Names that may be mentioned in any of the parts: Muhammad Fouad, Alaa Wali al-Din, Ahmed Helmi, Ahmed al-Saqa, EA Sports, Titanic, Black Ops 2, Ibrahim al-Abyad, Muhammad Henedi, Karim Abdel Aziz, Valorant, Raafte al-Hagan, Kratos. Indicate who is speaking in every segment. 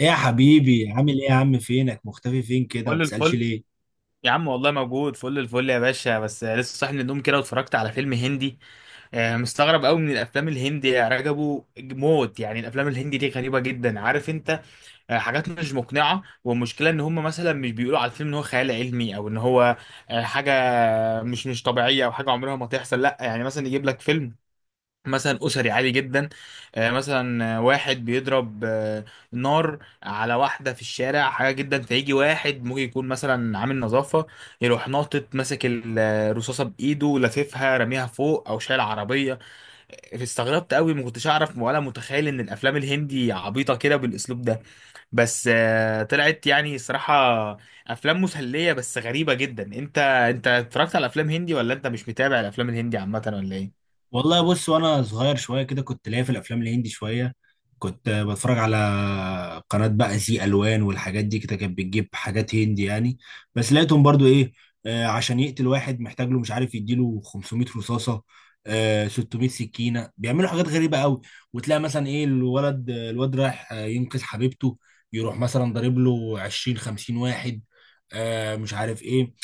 Speaker 1: ايه يا حبيبي، عامل ايه يا عم؟ فينك مختفي فين كده؟ ما
Speaker 2: فل
Speaker 1: بتسألش
Speaker 2: الفل.
Speaker 1: ليه؟
Speaker 2: يا عم والله موجود، فل الفل يا باشا، بس لسه صاحي من النوم كده واتفرجت على فيلم هندي. مستغرب قوي من الافلام الهندي يا رجبو، موت يعني. الافلام الهندي دي غريبه جدا، عارف انت؟ حاجات مش مقنعه، والمشكله ان هم مثلا مش بيقولوا على الفيلم ان هو خيال علمي او ان هو حاجه مش طبيعيه، او حاجه عمرها ما تحصل. لا يعني مثلا يجيب لك فيلم مثلا اسري عادي جدا. مثلا واحد بيضرب نار على واحده في الشارع، حاجه جدا، فيجي واحد ممكن يكون مثلا عامل نظافه يروح ناطط ماسك الرصاصه بايده لاففها راميها فوق، او شايل عربيه. استغربت قوي، ما كنتش اعرف ولا متخيل ان الافلام الهندي عبيطه كده بالاسلوب ده. بس طلعت يعني صراحه افلام مسليه بس غريبه جدا. انت اتفرجت على افلام هندي، ولا انت مش متابع الافلام الهندي عامه، ولا ايه؟
Speaker 1: والله بص، وانا صغير شويه كده كنت ليا في الافلام الهندي شويه. كنت بتفرج على قناه بقى زي الوان والحاجات دي كده، كانت بتجيب حاجات هندي يعني. بس لقيتهم برضو ايه، عشان يقتل واحد محتاج له، مش عارف يديله 500 رصاصه، 600 سكينه. بيعملوا حاجات غريبه قوي. وتلاقي مثلا ايه، الولد الواد رايح ينقذ حبيبته، يروح مثلا ضارب له 20 50 واحد، مش عارف ايه.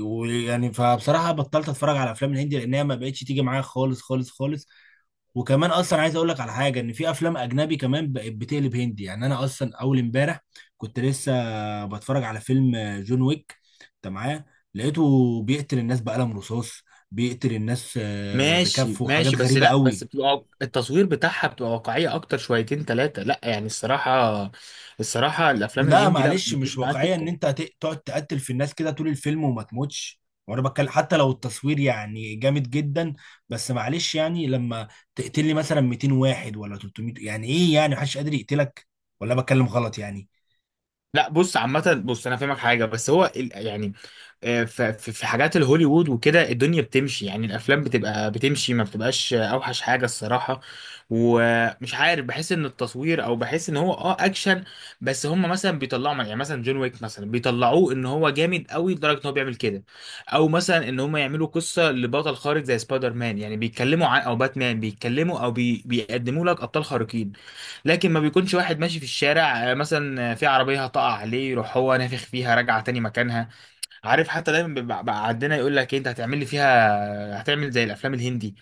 Speaker 1: ويعني فبصراحه بطلت اتفرج على افلام الهندي لانها ما بقتش تيجي معايا خالص خالص خالص. وكمان اصلا عايز اقول لك على حاجه، ان في افلام اجنبي كمان بقت بتقلب هندي. يعني انا اصلا اول امبارح كنت لسه بتفرج على فيلم جون ويك، انت معايا؟ لقيته بيقتل الناس بقلم رصاص، بيقتل الناس
Speaker 2: ماشي،
Speaker 1: بكفه
Speaker 2: ماشي.
Speaker 1: وحاجات
Speaker 2: بس
Speaker 1: غريبه
Speaker 2: لا، بس
Speaker 1: قوي.
Speaker 2: بتبقى التصوير بتاعها بتبقى واقعية اكتر شويتين ثلاثة. لا يعني الصراحة، الصراحة الافلام
Speaker 1: لا
Speaker 2: الهندي لا،
Speaker 1: معلش،
Speaker 2: ما
Speaker 1: مش
Speaker 2: بتجيش معايا
Speaker 1: واقعية ان
Speaker 2: سكة.
Speaker 1: انت تقعد تقتل في الناس كده طول الفيلم وما تموتش. وانا بتكلم حتى لو التصوير يعني جامد جدا، بس معلش يعني لما تقتل لي مثلا 200 واحد ولا 300، يعني ايه؟ يعني محدش قادر يقتلك؟ ولا بتكلم غلط يعني.
Speaker 2: لا، بص عامة بص، انا فاهمك حاجة، بس هو يعني في حاجات الهوليوود وكده، الدنيا بتمشي. يعني الافلام بتبقى بتمشي، ما بتبقاش اوحش حاجة الصراحة. ومش عارف، بحس ان التصوير، او بحس ان هو اكشن. بس هم مثلا بيطلعوا، يعني مثلا جون ويك مثلا بيطلعوه ان هو جامد قوي لدرجة ان هو بيعمل كده، او مثلا ان هم يعملوا قصة لبطل خارق زي سبايدر مان، يعني بيتكلموا عن، او باتمان بيتكلموا، او بيقدموا لك ابطال خارقين. لكن ما بيكونش واحد ماشي في الشارع مثلا، في عربية هتقع عليه يروح هو نافخ فيها راجعة تاني مكانها. عارف، حتى دايما بيبقى بقى عندنا يقول لك إيه، انت هتعمل لي فيها هتعمل زي الافلام الهندي؟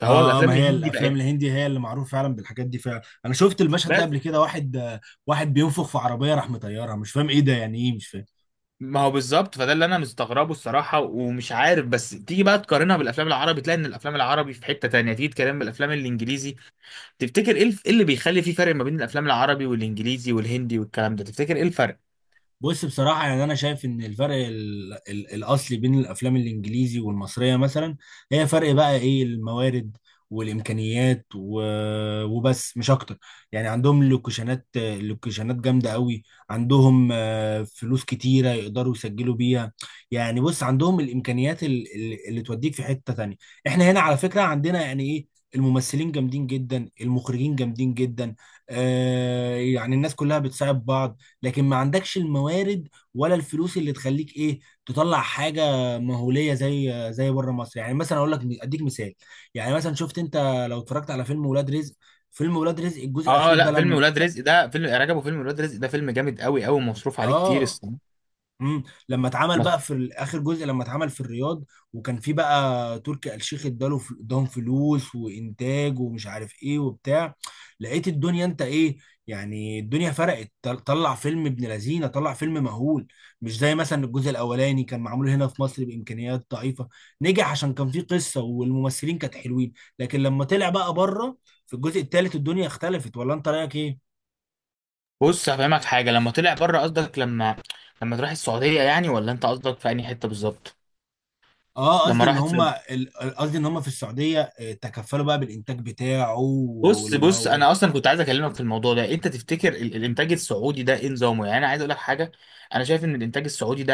Speaker 2: فهو
Speaker 1: اه،
Speaker 2: الافلام
Speaker 1: ما هي
Speaker 2: الهندي
Speaker 1: الافلام
Speaker 2: بقت.
Speaker 1: الهندي هي اللي معروف فعلا بالحاجات دي. فعلا انا شفت المشهد ده
Speaker 2: بس
Speaker 1: قبل كده، واحد واحد بينفخ في عربيه راح مطيرها، مش فاهم ايه ده، يعني ايه؟ مش فاهم.
Speaker 2: ما هو بالظبط، فده اللي انا مستغربه الصراحة ومش عارف. بس تيجي بقى تقارنها بالافلام العربي تلاقي ان الافلام العربي في حتة تانية، تيجي تقارنها بالافلام الانجليزي. تفتكر ايه إيه اللي بيخلي في فرق ما بين الافلام العربي والانجليزي والهندي والكلام ده؟ تفتكر ايه الفرق؟
Speaker 1: بص بصراحة، يعني أنا شايف إن الفرق ال ال الأصلي بين الأفلام الإنجليزي والمصرية مثلا هي فرق بقى إيه؟ الموارد والإمكانيات وبس، مش أكتر. يعني عندهم لوكيشنات لوكيشنات جامدة قوي. عندهم فلوس كتيرة يقدروا يسجلوا بيها. يعني بص، عندهم الإمكانيات اللي توديك في حتة تانية. إحنا هنا على فكرة عندنا يعني إيه؟ الممثلين جامدين جدا، المخرجين جامدين جدا. يعني الناس كلها بتساعد بعض. لكن ما عندكش الموارد ولا الفلوس اللي تخليك ايه، تطلع حاجه مهوليه زي بره مصر. يعني مثلا اقول لك اديك مثال، يعني مثلا شفت انت لو اتفرجت على فيلم ولاد رزق. فيلم ولاد رزق الجزء
Speaker 2: اه
Speaker 1: الاخير ده
Speaker 2: لا، فيلم
Speaker 1: لم،
Speaker 2: ولاد رزق ده فيلم رجب، وفيلم ولاد رزق ده فيلم جامد قوي قوي ومصروف عليه كتير
Speaker 1: اه
Speaker 2: الصراحه.
Speaker 1: امم لما اتعمل
Speaker 2: بس
Speaker 1: بقى في اخر جزء، لما اتعمل في الرياض وكان في بقى تركي آل الشيخ اداله اداهم فلوس وانتاج ومش عارف ايه وبتاع. لقيت الدنيا انت ايه، يعني الدنيا فرقت، طلع فيلم ابن لذينه، طلع فيلم مهول. مش زي مثلا الجزء الاولاني كان معمول هنا في مصر بامكانيات ضعيفه، نجح عشان كان فيه قصه والممثلين كانت حلوين. لكن لما طلع بقى بره في الجزء الثالث الدنيا اختلفت، ولا انت رايك ايه؟
Speaker 2: بص هفهمك حاجه. لما طلع بره قصدك، لما تروح السعوديه يعني، ولا انت قصدك في انهي حته بالظبط؟
Speaker 1: اه، قصدي
Speaker 2: لما
Speaker 1: ان
Speaker 2: راح.
Speaker 1: هم قصدي ان هم في السعوديه تكفلوا بقى بالانتاج بتاعه.
Speaker 2: بص انا اصلا كنت عايز اكلمك في الموضوع ده. انت تفتكر الانتاج السعودي ده ايه نظامه؟ يعني انا عايز اقول لك حاجه. انا شايف ان الانتاج السعودي ده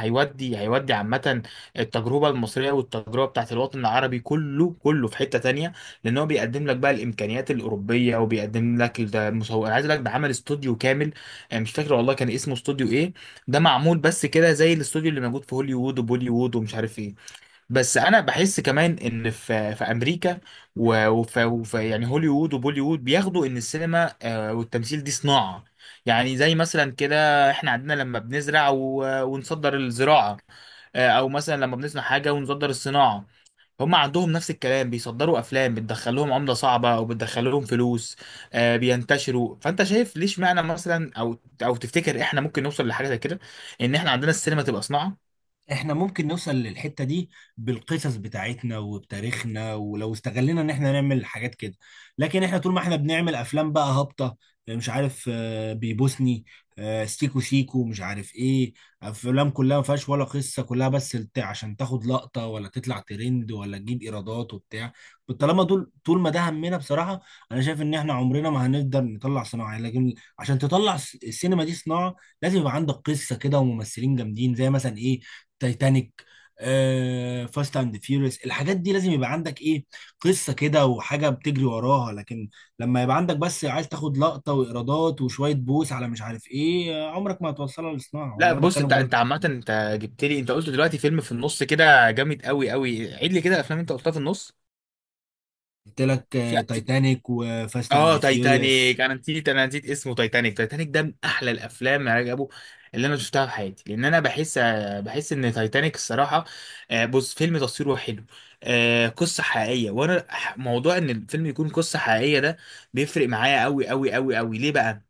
Speaker 2: هيودي عامه، التجربه المصريه والتجربه بتاعت الوطن العربي كله كله في حته تانية. لان هو بيقدم لك بقى الامكانيات الاوروبيه، وبيقدم لك، ده مصور، انا عايز اقول لك ده عمل استوديو كامل. مش فاكر والله كان اسمه استوديو ايه. ده معمول بس كده زي الاستوديو اللي موجود في هوليوود وبوليوود ومش عارف ايه. بس انا بحس كمان ان في امريكا وفي يعني هوليوود وبوليوود بياخدوا ان السينما والتمثيل دي صناعة. يعني زي مثلا كده احنا عندنا لما بنزرع ونصدر الزراعة، او مثلا لما بنصنع حاجة ونصدر الصناعة. هم عندهم نفس الكلام، بيصدروا افلام بتدخل لهم عملة صعبة او بتدخل لهم فلوس. بينتشروا. فانت شايف ليش معنى مثلا، او او تفتكر احنا ممكن نوصل لحاجة زي كده، ان احنا عندنا السينما تبقى صناعة؟
Speaker 1: احنا ممكن نوصل للحتة دي بالقصص بتاعتنا وبتاريخنا، ولو استغلنا ان احنا نعمل حاجات كده. لكن احنا طول ما احنا بنعمل افلام بقى هابطة، مش عارف بيبوسني، سيكو سيكو، مش عارف ايه. افلام كلها ما فيهاش ولا قصة، كلها بس عشان تاخد لقطة ولا تطلع ترند ولا تجيب ايرادات وبتاع. طالما دول طول ما ده همنا بصراحة، انا شايف ان احنا عمرنا ما هنقدر نطلع صناعة يعني. لكن عشان تطلع السينما دي صناعة لازم يبقى عندك قصة كده وممثلين جامدين، زي مثلا ايه، تايتانيك، فاست اند فيوريوس. الحاجات دي لازم يبقى عندك ايه، قصه كده وحاجه بتجري وراها. لكن لما يبقى عندك بس عايز تاخد لقطه وايرادات وشويه بوس على مش عارف ايه، عمرك ما هتوصلها للصناعه،
Speaker 2: لا،
Speaker 1: ولا انا
Speaker 2: بص،
Speaker 1: بتكلم
Speaker 2: انت
Speaker 1: غلط؟
Speaker 2: انت عامة انت جبت لي، انت قلت دلوقتي فيلم في النص كده جامد قوي قوي. عيد لي كده الافلام انت قلتها في النص.
Speaker 1: قلت لك
Speaker 2: في في-
Speaker 1: تايتانيك وفاست
Speaker 2: اه
Speaker 1: اند فيوريوس.
Speaker 2: تايتانيك، انا نسيت اسمه تايتانيك. تايتانيك ده من احلى الافلام يا رجبو اللي انا شفتها في حياتي، لان انا بحس ان تايتانيك الصراحة. بص، فيلم تصويره حلو. قصة حقيقية، وانا موضوع ان الفيلم يكون قصة حقيقية ده بيفرق معايا قوي قوي قوي قوي. ليه بقى؟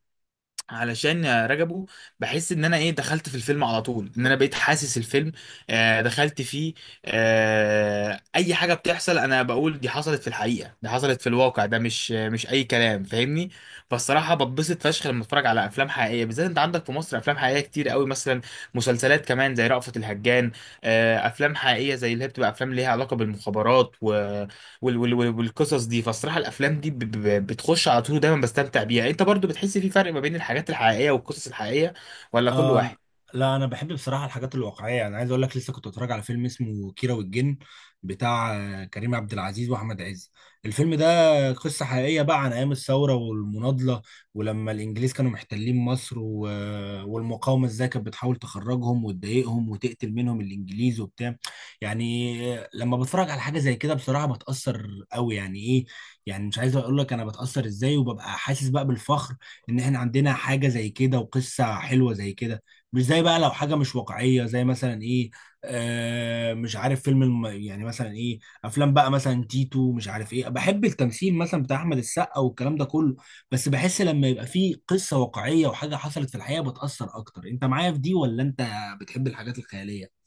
Speaker 2: علشان رجبه، بحس ان انا ايه دخلت في الفيلم على طول، ان انا بقيت حاسس الفيلم. دخلت فيه. اي حاجه بتحصل انا بقول دي حصلت في الحقيقه، دي حصلت في الواقع، ده مش اي كلام، فاهمني؟ فالصراحه بتبسط فشخ لما اتفرج على افلام حقيقيه. بالذات انت عندك في مصر افلام حقيقيه كتير قوي، مثلا مسلسلات كمان زي رأفت الهجان. افلام حقيقيه زي اللي هي بتبقى افلام ليها علاقه بالمخابرات و وال وال وال- والقصص دي. فالصراحه الافلام دي بتخش على طول، دايما بستمتع بيها. انت برضو بتحس في فرق ما بين الحاجات الحقيقيه والقصص الحقيقيه، ولا كل
Speaker 1: آه،
Speaker 2: واحد؟
Speaker 1: لا انا بحب بصراحه الحاجات الواقعيه. يعني عايز اقول لك لسه كنت بتفرج على فيلم اسمه كيرة والجن، بتاع كريم عبد العزيز واحمد عز. الفيلم ده قصه حقيقيه بقى عن ايام الثوره والمناضله، ولما الانجليز كانوا محتلين مصر و... آه، والمقاومه ازاي كانت بتحاول تخرجهم وتضايقهم وتقتل منهم الانجليز وبتاع. يعني لما بتفرج على حاجه زي كده بصراحه بتاثر قوي يعني ايه. يعني مش عايز اقول لك انا بتاثر ازاي، وببقى حاسس بقى بالفخر ان احنا عندنا حاجه زي كده وقصه حلوه زي كده. مش زي بقى لو حاجه مش واقعيه، زي مثلا ايه، مش عارف فيلم يعني مثلا ايه، افلام بقى مثلا تيتو، مش عارف ايه. بحب التمثيل مثلا بتاع احمد السقا والكلام ده كله، بس بحس لما يبقى فيه قصه واقعيه وحاجه حصلت في الحقيقه بتاثر اكتر. انت معايا في دي ولا انت بتحب الحاجات الخياليه؟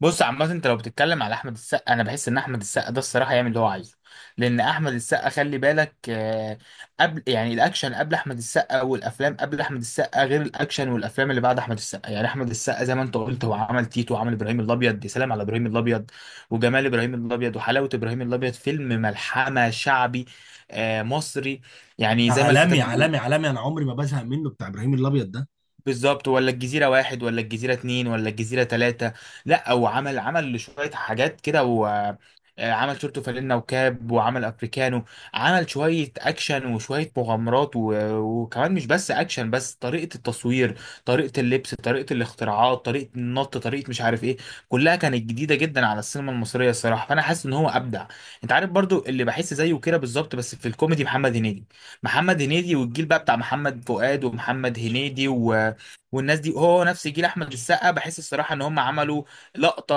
Speaker 2: بص عامة، انت لو بتتكلم على احمد السقا، انا بحس ان احمد السقا ده الصراحة يعمل اللي هو عايزه. لان احمد السقا خلي بالك، قبل يعني الاكشن قبل احمد السقا والافلام قبل احمد السقا غير الاكشن والافلام اللي بعد احمد السقا. يعني احمد السقا زي ما انت قلت، هو عمل تيتو وعمل ابراهيم الابيض، يا سلام على ابراهيم الابيض وجمال ابراهيم الابيض وحلاوة ابراهيم الابيض، فيلم ملحمة شعبي مصري، يعني
Speaker 1: ده
Speaker 2: زي ما
Speaker 1: عالمي
Speaker 2: الكتاب بيقول.
Speaker 1: عالمي عالمي، انا عمري ما بزهق منه بتاع ابراهيم الابيض ده.
Speaker 2: بالظبط، ولا الجزيرة واحد ولا الجزيرة اتنين ولا الجزيرة تلاتة. لا، هو عمل شوية حاجات كده، وعمل شورتو فانلة وكاب، وعمل افريكانو. عمل شوية اكشن وشوية مغامرات وكمان مش بس اكشن، بس طريقة التصوير، طريقة اللبس، طريقة الاختراعات، طريقة النط، طريقة مش عارف ايه. كلها كانت جديدة جدا على السينما المصرية الصراحة. فانا حاسس ان هو ابدع. انت عارف برضو اللي بحس زيه كده بالظبط بس في الكوميدي؟ محمد هنيدي. محمد هنيدي والجيل بقى بتاع محمد فؤاد ومحمد هنيدي والناس دي هو نفس جيل احمد السقا. بحس الصراحه ان هم عملوا لقطه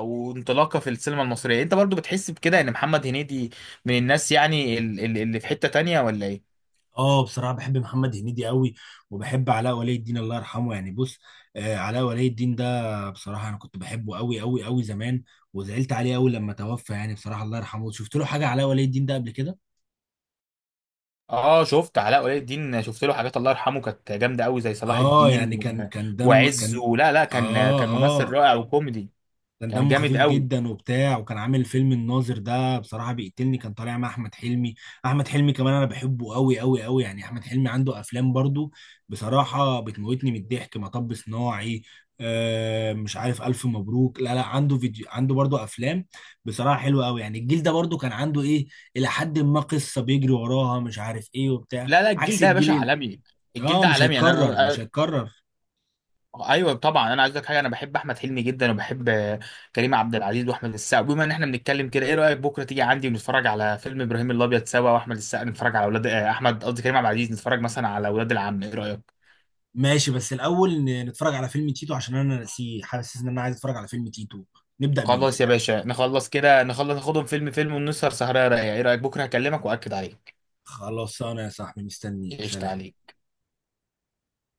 Speaker 2: وانطلاقه في السينما المصريه. انت برضو بتحس بكده ان محمد هنيدي من الناس يعني اللي في حته تانية، ولا ايه؟
Speaker 1: اه، بصراحه بحب محمد هنيدي قوي، وبحب علاء ولي الدين الله يرحمه. يعني بص، آه علاء ولي الدين ده بصراحه انا كنت بحبه قوي قوي قوي زمان، وزعلت عليه قوي لما توفى. يعني بصراحه الله يرحمه، شفت له حاجه علاء ولي الدين ده قبل كده.
Speaker 2: اه شفت علاء ولي الدين، شفت له حاجات الله يرحمه كانت جامده قوي زي صلاح
Speaker 1: اه
Speaker 2: الدين
Speaker 1: يعني كان دم،
Speaker 2: وعز.
Speaker 1: كان،
Speaker 2: ولا لا، كان
Speaker 1: اه،
Speaker 2: كان ممثل
Speaker 1: اه،
Speaker 2: رائع وكوميدي،
Speaker 1: كان
Speaker 2: كان
Speaker 1: دمه
Speaker 2: جامد
Speaker 1: خفيف
Speaker 2: قوي.
Speaker 1: جدا وبتاع، وكان عامل فيلم الناظر ده، بصراحة بيقتلني. كان طالع مع أحمد حلمي. أحمد حلمي كمان أنا بحبه قوي قوي قوي. يعني أحمد حلمي عنده أفلام برضو، بصراحة بتموتني من الضحك، مطب صناعي، مش عارف ألف مبروك، لا لا عنده فيديو، عنده برضو أفلام بصراحة حلوة قوي. يعني الجيل ده برضو كان عنده إيه، إلى حد ما قصة بيجري وراها مش عارف إيه وبتاع،
Speaker 2: لا، لا، الجيل
Speaker 1: عكس
Speaker 2: ده يا باشا
Speaker 1: الجيل
Speaker 2: عالمي. الجيل ده
Speaker 1: مش
Speaker 2: عالمي يعني
Speaker 1: هيتكرر،
Speaker 2: انا.
Speaker 1: مش هيتكرر.
Speaker 2: ايوه طبعا، انا عايز اقول لك حاجه. انا بحب احمد حلمي جدا، وبحب كريم عبد العزيز واحمد السقا. بما ان احنا بنتكلم كده، ايه رايك بكره تيجي عندي ونتفرج على فيلم ابراهيم الابيض سوا، واحمد السقا نتفرج على اولاد احمد، قصدي كريم عبد العزيز، نتفرج مثلا على اولاد العم؟ ايه رايك؟
Speaker 1: ماشي، بس الأول نتفرج على فيلم تيتو عشان أنا ناسيه، حاسس إن أنا عايز أتفرج على فيلم تيتو، نبدأ بيه.
Speaker 2: خلاص يا باشا، نخلص كده نخلص، ناخدهم فيلم فيلم ونسهر سهره رايقه. ايه رايك؟ بكره هكلمك واكد عليك.
Speaker 1: خلاص أنا يا صاحبي مستنيك،
Speaker 2: قشطه
Speaker 1: سلام.
Speaker 2: عليك.